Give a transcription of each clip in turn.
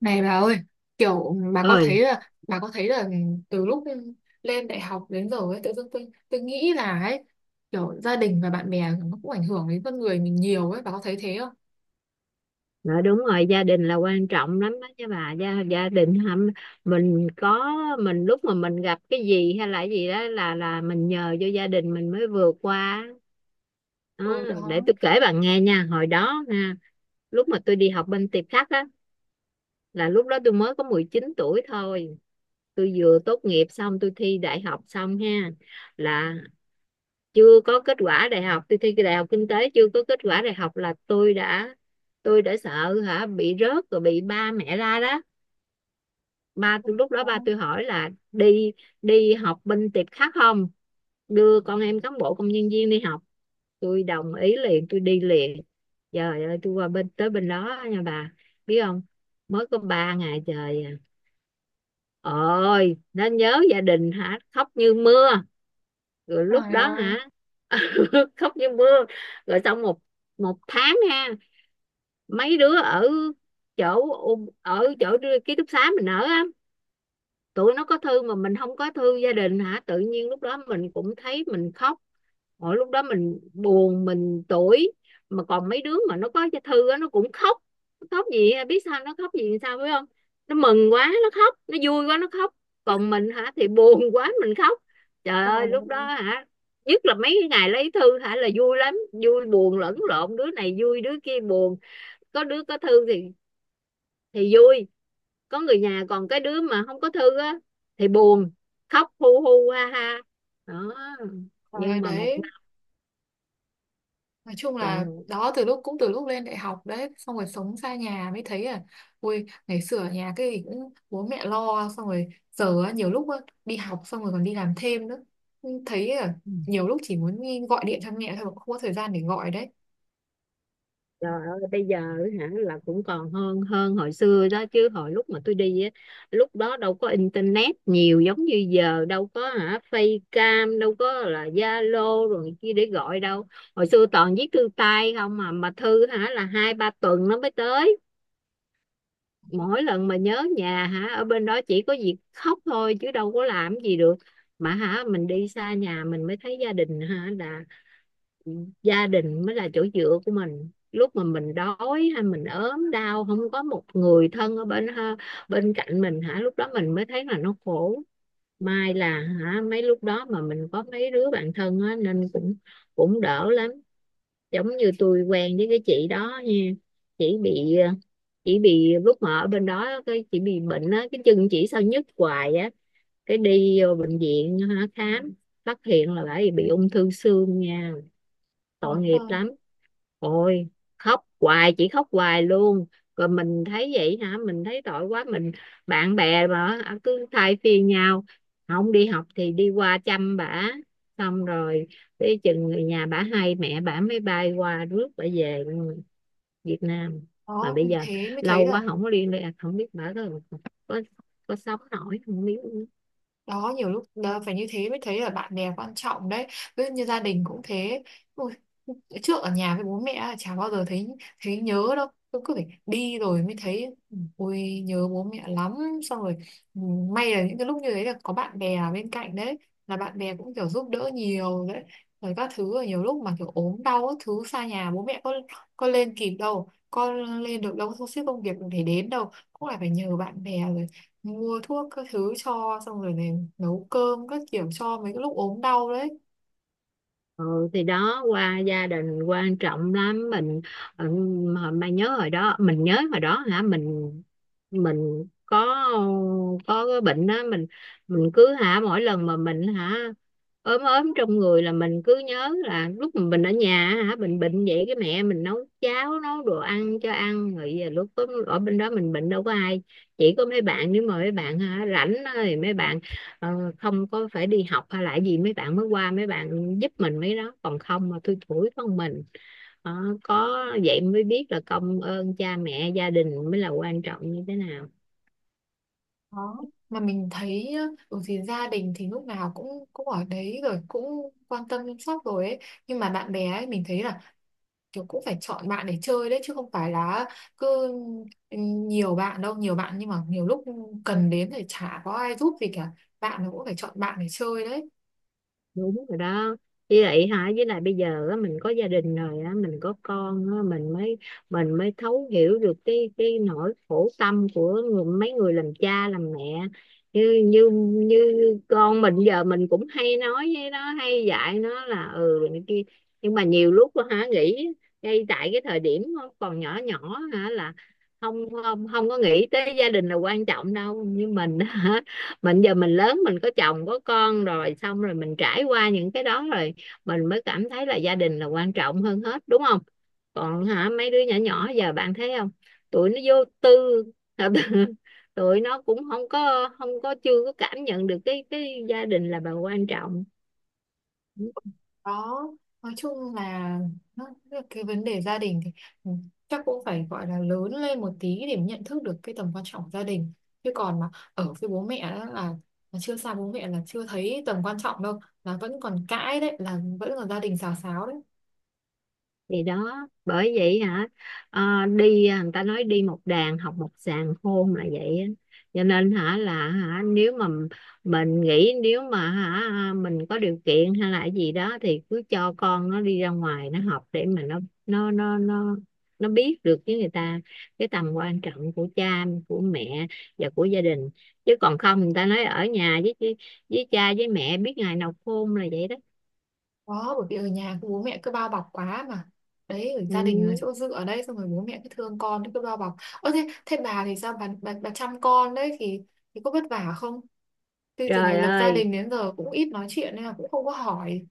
Này bà ơi, kiểu bà có thấy Ơi, là bà có thấy là từ lúc lên đại học đến giờ ấy, tự dưng tôi nghĩ là ấy, kiểu gia đình và bạn bè nó cũng ảnh hưởng đến con người mình nhiều ấy, bà có thấy thế không? nói đúng rồi, gia đình là quan trọng lắm đó chứ bà. Gia gia đình hâm mình có. Mình lúc mà mình gặp cái gì hay là cái gì đó là mình nhờ vô gia đình mình mới vượt qua. Đó, Ừ để đó. tôi kể bà nghe nha. Hồi đó ha, lúc mà tôi đi học bên Tiệp Khắc á, là lúc đó tôi mới có 19 tuổi thôi. Tôi vừa tốt nghiệp xong, tôi thi đại học xong ha, là chưa có kết quả đại học. Tôi thi đại học kinh tế chưa có kết quả đại học là tôi đã, tôi đã sợ hả, bị rớt rồi bị ba mẹ la đó. Ba Ừ, tôi lúc đó, ba đó. tôi hỏi là đi đi học bên Tiệp Khắc không, đưa con em cán bộ công nhân viên đi học. Tôi đồng ý liền, tôi đi liền. Trời ơi, tôi qua bên, tới bên đó nha bà, biết không, mới có 3 ngày trời à. Ôi, nó nhớ gia đình hả, khóc như mưa. Rồi lúc Trời đó ơi, hả, khóc như mưa. Rồi xong một một tháng ha, mấy đứa ở chỗ, ở chỗ ký túc xá mình ở, tụi nó có thư mà mình không có thư gia đình hả, tự nhiên lúc đó mình cũng thấy mình khóc. Mỗi lúc đó mình buồn, mình tủi. Mà còn mấy đứa mà nó có thư á, nó cũng khóc. Nó khóc gì biết sao, nó khóc gì sao, phải không? Nó mừng quá nó khóc, nó vui quá nó khóc. Còn mình hả thì buồn quá mình khóc. Trời trời ơi lúc ơi, đó hả, nhất là mấy cái ngày lấy thư hả là vui lắm, vui buồn lẫn lộn, đứa này vui đứa kia buồn. Có đứa có thư thì, vui, có người nhà. Còn cái đứa mà không có thư á thì buồn, khóc hu hu ha ha. Đó. trời ơi Nhưng mà một đấy. năm Nói chung là còn. đó, từ lúc cũng từ lúc lên đại học đấy, xong rồi sống xa nhà mới thấy à, ui, ngày xưa ở nhà cái gì cũng bố mẹ lo, xong rồi giờ á, nhiều lúc á, đi học xong rồi còn đi làm thêm nữa. Nhưng thấy à, nhiều lúc chỉ muốn đi gọi điện cho mẹ thôi mà không có thời gian để gọi đấy. Trời ơi bây giờ hả là cũng còn hơn, hồi xưa đó chứ. Hồi lúc mà tôi đi á, lúc đó đâu có internet nhiều giống như giờ đâu, có hả Facecam đâu, có là Zalo rồi kia để gọi đâu. Hồi xưa toàn viết thư tay không. Mà thư hả là hai ba tuần nó mới tới. Mỗi lần mà nhớ nhà hả, ở bên đó chỉ có việc khóc thôi chứ đâu có làm gì được. Mà hả, mình đi xa nhà mình mới thấy gia đình hả là, gia đình mới là chỗ dựa của mình. Lúc mà mình đói hay mình ốm đau không có một người thân ở bên bên cạnh mình hả, lúc đó mình mới thấy là nó khổ. May là hả mấy lúc đó mà mình có mấy đứa bạn thân á, nên cũng, cũng đỡ lắm. Giống như tôi quen với cái chị đó nha. Chị bị, lúc mà ở bên đó cái chị bị bệnh á, cái chân chị sao nhức hoài á. Cái đi vô bệnh viện hả, khám, phát hiện là bà bị ung thư xương nha. Tội Ờ, nghiệp thôi. lắm. Ôi, khóc hoài, chỉ khóc hoài luôn. Rồi mình thấy vậy hả, mình thấy tội quá, mình, bạn bè mà à, cứ thay phiên nhau, không đi học thì đi qua chăm bả. Xong rồi tới chừng người nhà bả hay mẹ bả mới bay qua rước bả về Việt Nam. Mà Đó bây giờ thế mới thấy lâu là quá không có liên lạc, không biết bả có, có, có sống nổi không biết. đó, nhiều lúc đó, phải như thế mới thấy là bạn bè quan trọng đấy, ví dụ như gia đình cũng thế. Ôi, trước ở nhà với bố mẹ là chả bao giờ thấy, thấy nhớ đâu, cứ cứ phải đi rồi mới thấy ui nhớ bố mẹ lắm. Xong rồi, ừ, may là những cái lúc như thế là có bạn bè ở bên cạnh đấy, là bạn bè cũng kiểu giúp đỡ nhiều đấy, rồi các thứ. Rồi nhiều lúc mà kiểu ốm đau các thứ, xa nhà bố mẹ có lên kịp đâu, có lên được đâu, có sắp xếp công việc để đến đâu, cũng lại phải nhờ bạn bè rồi mua thuốc các thứ cho, xong rồi này nấu cơm các kiểu cho mấy cái lúc ốm đau đấy. Ừ, thì đó, qua gia đình quan trọng lắm mình. Ừ, hồi mà nhớ hồi đó, mình nhớ hồi đó hả mình, có, cái bệnh đó. Mình, cứ hả mỗi lần mà mình hả ốm, trong người là mình cứ nhớ là lúc mà mình ở nhà hả, mình bệnh vậy cái mẹ mình nấu cháo nấu đồ ăn cho ăn. Rồi giờ lúc ở bên đó mình bệnh đâu có ai, chỉ có mấy bạn. Nếu mà mấy bạn hả rảnh á thì mấy bạn, ờ, không có phải đi học hay là gì, mấy bạn mới qua mấy bạn giúp mình mấy đó. Còn không mà thui thủi con mình. Ờ, có vậy mới biết là công ơn cha mẹ gia đình mới là quan trọng như thế nào. Đó, mà mình thấy nhá, ở thì gia đình thì lúc nào cũng cũng ở đấy rồi, cũng quan tâm chăm sóc rồi ấy, nhưng mà bạn bè ấy mình thấy là kiểu cũng phải chọn bạn để chơi đấy, chứ không phải là cứ, ừ, nhiều bạn đâu nhiều bạn, nhưng mà nhiều lúc cần đến thì chả có ai giúp gì cả. Bạn nó cũng phải chọn bạn để chơi đấy. Đúng rồi đó. Với lại hả, với lại bây giờ á, mình có gia đình rồi á, mình có con á, mình mới, thấu hiểu được cái, nỗi khổ tâm của người, mấy người làm cha làm mẹ. Như, như như con mình giờ mình cũng hay nói với nó, hay dạy nó là ừ này kia. Nhưng mà nhiều lúc á, hả nghĩ, ngay tại cái thời điểm nó còn nhỏ nhỏ hả là không không không có nghĩ tới gia đình là quan trọng đâu. Như mình á, mình giờ mình lớn mình có chồng có con rồi, xong rồi mình trải qua những cái đó rồi, mình mới cảm thấy là gia đình là quan trọng hơn hết, đúng không? Còn hả mấy đứa nhỏ nhỏ giờ bạn thấy không, tụi nó vô tư. Tụi nó cũng không có không có chưa có cảm nhận được cái, gia đình là bà quan trọng. Đó, nói chung là nó, cái vấn đề gia đình thì, ừ, chắc cũng phải gọi là lớn lên một tí để nhận thức được cái tầm quan trọng của gia đình. Chứ còn mà ở với bố mẹ đó là chưa xa bố mẹ là chưa thấy tầm quan trọng đâu, là vẫn còn cãi đấy, là vẫn còn gia đình xào xáo đấy. Thì đó bởi vậy hả, ờ, đi à, người ta nói đi một đàn học một sàng khôn là vậy á. Cho nên hả là hả, nếu mà mình nghĩ nếu mà hả à, mình có điều kiện hay là cái gì đó thì cứ cho con nó đi ra ngoài nó học để mà nó, nó nó nó nó biết được với người ta cái tầm quan trọng của cha của mẹ và của gia đình. Chứ còn không, người ta nói ở nhà với, cha với mẹ biết ngày nào khôn là vậy đó. Đó, bởi vì ở nhà cứ bố mẹ cứ bao bọc quá mà. Đấy, ở Ừ. gia đình là chỗ dựa ở đây, xong rồi bố mẹ cứ thương con cứ bao bọc. Ơ thế, thế bà thì sao bà, bà chăm con đấy thì có vất vả không? Thế từ ngày Trời lập gia ơi, đình đến giờ cũng ít nói chuyện nên là cũng không có hỏi.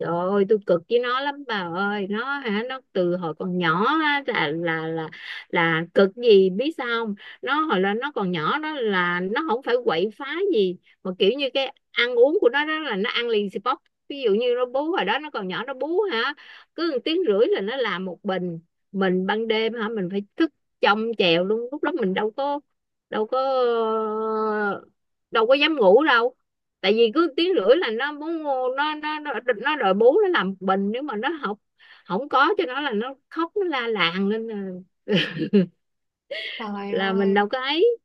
trời ơi, tôi cực với nó lắm bà ơi. Nó hả, nó từ hồi còn nhỏ á, là cực gì biết sao không? Nó hồi là nó còn nhỏ đó là nó không phải quậy phá gì, mà kiểu như cái ăn uống của nó đó là nó ăn liền xì bóp. Ví dụ như nó bú, hồi đó nó còn nhỏ nó bú hả, cứ một tiếng rưỡi là nó làm một bình. Mình ban đêm hả mình phải thức trông chèo luôn. Lúc đó mình đâu có, đâu có dám ngủ đâu. Tại vì cứ tiếng rưỡi là nó muốn, nó nó nó, nó đòi bú, nó làm bình. Nếu mà nó học không có cho nó là nó khóc, nó la làng lên Trời là mình ơi, đâu có ấy.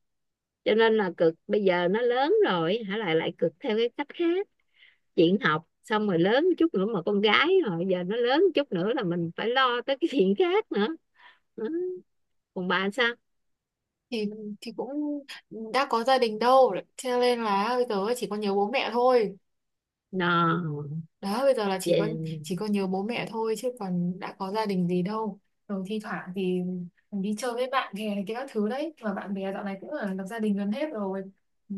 Cho nên là cực. Bây giờ nó lớn rồi hả, lại lại cực theo cái cách khác. Chuyện học, xong rồi lớn chút nữa mà con gái rồi, giờ nó lớn chút nữa là mình phải lo tới cái chuyện khác nữa. Còn bà sao? thì thì cũng đã có gia đình đâu, cho nên là bây giờ chỉ có nhớ bố mẹ thôi. Nào. Đó, bây giờ là chỉ có, Về. chỉ có nhớ bố mẹ thôi, chứ còn đã có gia đình gì đâu. Rồi thi thoảng thì mình đi chơi với bạn bè này kia các thứ đấy, mà bạn bè dạo này cũng là lập gia đình gần hết rồi. Ừ,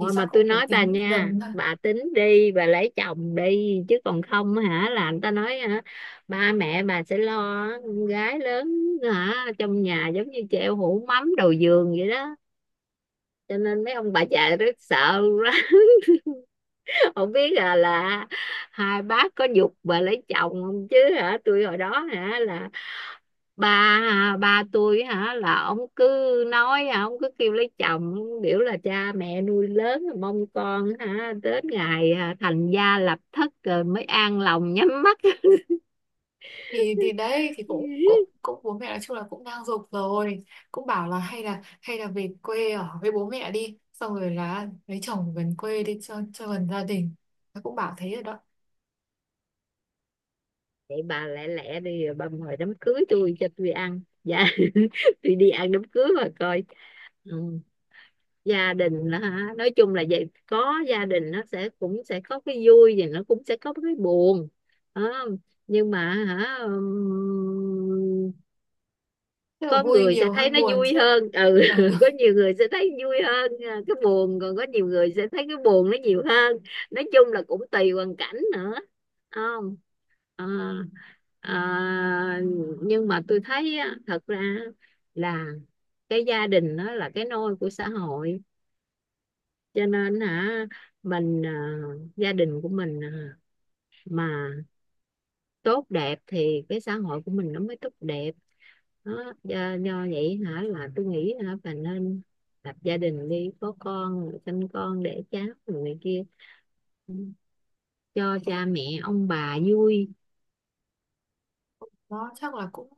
thì chắc mà tôi cũng phải nói bà tính nha, dần thôi. bà tính đi, bà lấy chồng đi. Chứ còn không hả là người ta nói hả, ba mẹ bà sẽ lo con gái lớn hả trong nhà giống như treo hũ mắm đầu giường vậy đó. Cho nên mấy ông bà già rất sợ quá, không biết là hai bác có giục bà lấy chồng không. Chứ hả tôi hồi đó hả là ba, à, ba tôi hả là ông cứ nói hả, ông cứ kêu lấy chồng, biểu là cha mẹ nuôi lớn rồi mong con hả đến ngày à, thành gia lập thất rồi mới an lòng nhắm mắt. Thì đấy thì cũng cũng cũng bố mẹ nói chung là cũng đang giục rồi, cũng bảo là hay là về quê ở với bố mẹ đi, xong rồi là lấy chồng gần quê đi cho gần gia đình. Nó cũng bảo thế rồi đó. Vậy bà lẹ lẹ đi rồi bà mời đám cưới tôi cho tôi ăn dạ. Tôi đi ăn đám cưới mà coi. Ừ. Gia đình đó hả, nói chung là vậy, có gia đình nó sẽ cũng sẽ có cái vui và nó cũng sẽ có cái buồn. Đó. Nhưng mà hả, Tức là có vui người sẽ nhiều thấy hơn nó buồn vui chứ. hơn. Ừ, Ờ, có nhiều người sẽ thấy vui hơn, à, cái buồn. Còn có nhiều người sẽ thấy cái buồn nó nhiều hơn. Nói chung là cũng tùy hoàn cảnh nữa. Không, à, à, nhưng mà tôi thấy á, thật ra là cái gia đình nó là cái nôi của xã hội. Cho nên hả, mình à, gia đình của mình à, mà tốt đẹp thì cái xã hội của mình nó mới tốt đẹp. Đó, do, do vậy hả là tôi nghĩ hả bà nên lập gia đình đi, có con rồi sinh con đẻ cháu rồi này kia cho cha mẹ ông bà vui. nó chắc là cũng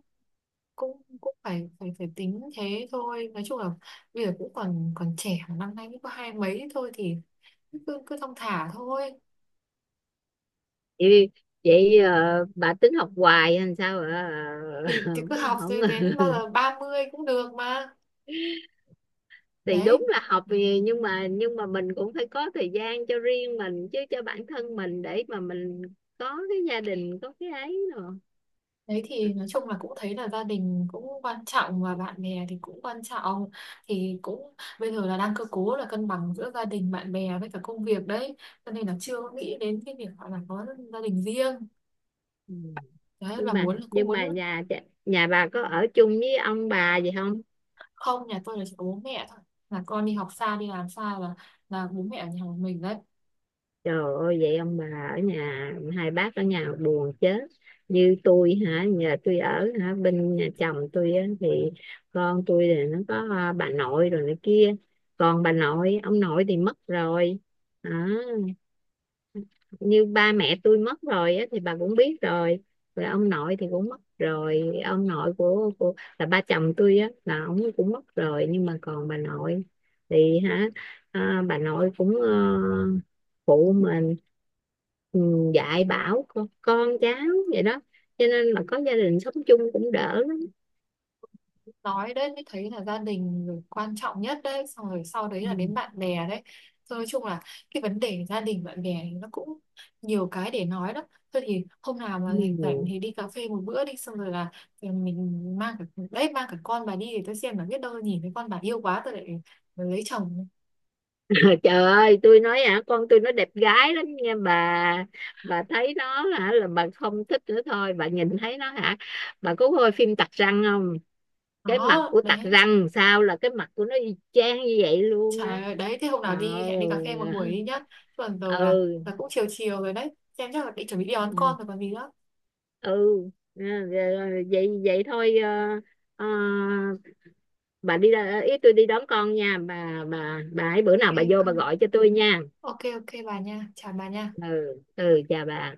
cũng cũng phải phải phải tính thế thôi. Nói chung là bây giờ cũng còn, còn trẻ mà, năm nay cũng có hai mấy thôi, thì cứ cứ thong thả thôi. Vậy, vậy ờ, bà tính học hoài hay sao ạ? thì Ờ, thì cứ bà học không. rồi đến bao giờ 30 cũng được mà. Thì Đấy, đúng là học thì- nhưng mà, mình cũng phải có thời gian cho riêng mình chứ, cho bản thân mình để mà mình có cái gia đình có cái ấy rồi. đấy thì nói chung là cũng thấy là gia đình cũng quan trọng và bạn bè thì cũng quan trọng, thì cũng bây giờ là đang cơ cố là cân bằng giữa gia đình bạn bè với cả công việc đấy, cho nên là chưa có nghĩ đến cái việc gọi là có gia đình riêng. Ừ. Đấy là muốn cũng nhưng muốn. mà nhà nhà bà có ở chung với ông bà gì không? Không, nhà tôi là chỉ có bố mẹ thôi, là con đi học xa đi làm xa, là bố mẹ ở nhà một mình đấy. Trời ơi vậy ông bà ở nhà, hai bác ở nhà buồn chết. Như tôi hả, nhà tôi ở hả bên nhà chồng tôi á, thì con tôi thì nó có à, bà nội rồi này kia. Còn bà nội ông nội thì mất rồi. À, như ba mẹ tôi mất rồi á, thì bà cũng biết rồi. Rồi ông nội thì cũng mất rồi. Ông nội của là ba chồng tôi á, là ông cũng mất rồi. Nhưng mà còn bà nội thì hả, à, bà nội cũng ờ, phụ mình, ừ, dạy bảo con cháu vậy đó. Cho nên là có gia đình sống chung cũng đỡ lắm. Nói đấy mới thấy là gia đình rồi quan trọng nhất đấy, xong rồi sau đấy Ừ. là đến bạn bè đấy. Rồi nói chung là cái vấn đề gia đình bạn bè thì nó cũng nhiều cái để nói đó. Thôi thì hôm nào mà rảnh rảnh Ừ. thì đi cà phê một bữa đi, xong rồi là, ừ, mình mang cả, đấy, mang cả con bà đi thì tôi xem, là biết đâu nhìn thấy con bà yêu quá tôi lại lấy chồng. Trời ơi tôi nói hả, con tôi nó đẹp gái lắm nha bà. Bà thấy nó hả là bà không thích nữa thôi. Bà nhìn thấy nó hả, bà có coi phim Tặc Răng không? Cái mặt Đó của Tặc đấy. Răng sao là cái mặt của nó y chang như vậy luôn đó. Trời ơi đấy, thế hôm Ờ. nào đi hẹn đi cà phê một buổi đi nhá. Chứ còn giờ là Ừ. là cũng chiều chiều rồi đấy, xem chắc là định chuẩn bị đi đón Ừ, con rồi còn gì nữa. ừ, rồi- rồi- vậy vậy thôi ờ, ờ, bà đi ra ý, tôi đi đón con nha bà. Bà ấy bữa nào bà OK vô bà coi. gọi cho tôi nha. OK, OK bà nha, chào bà nha. Ừ, ừ, chào bà.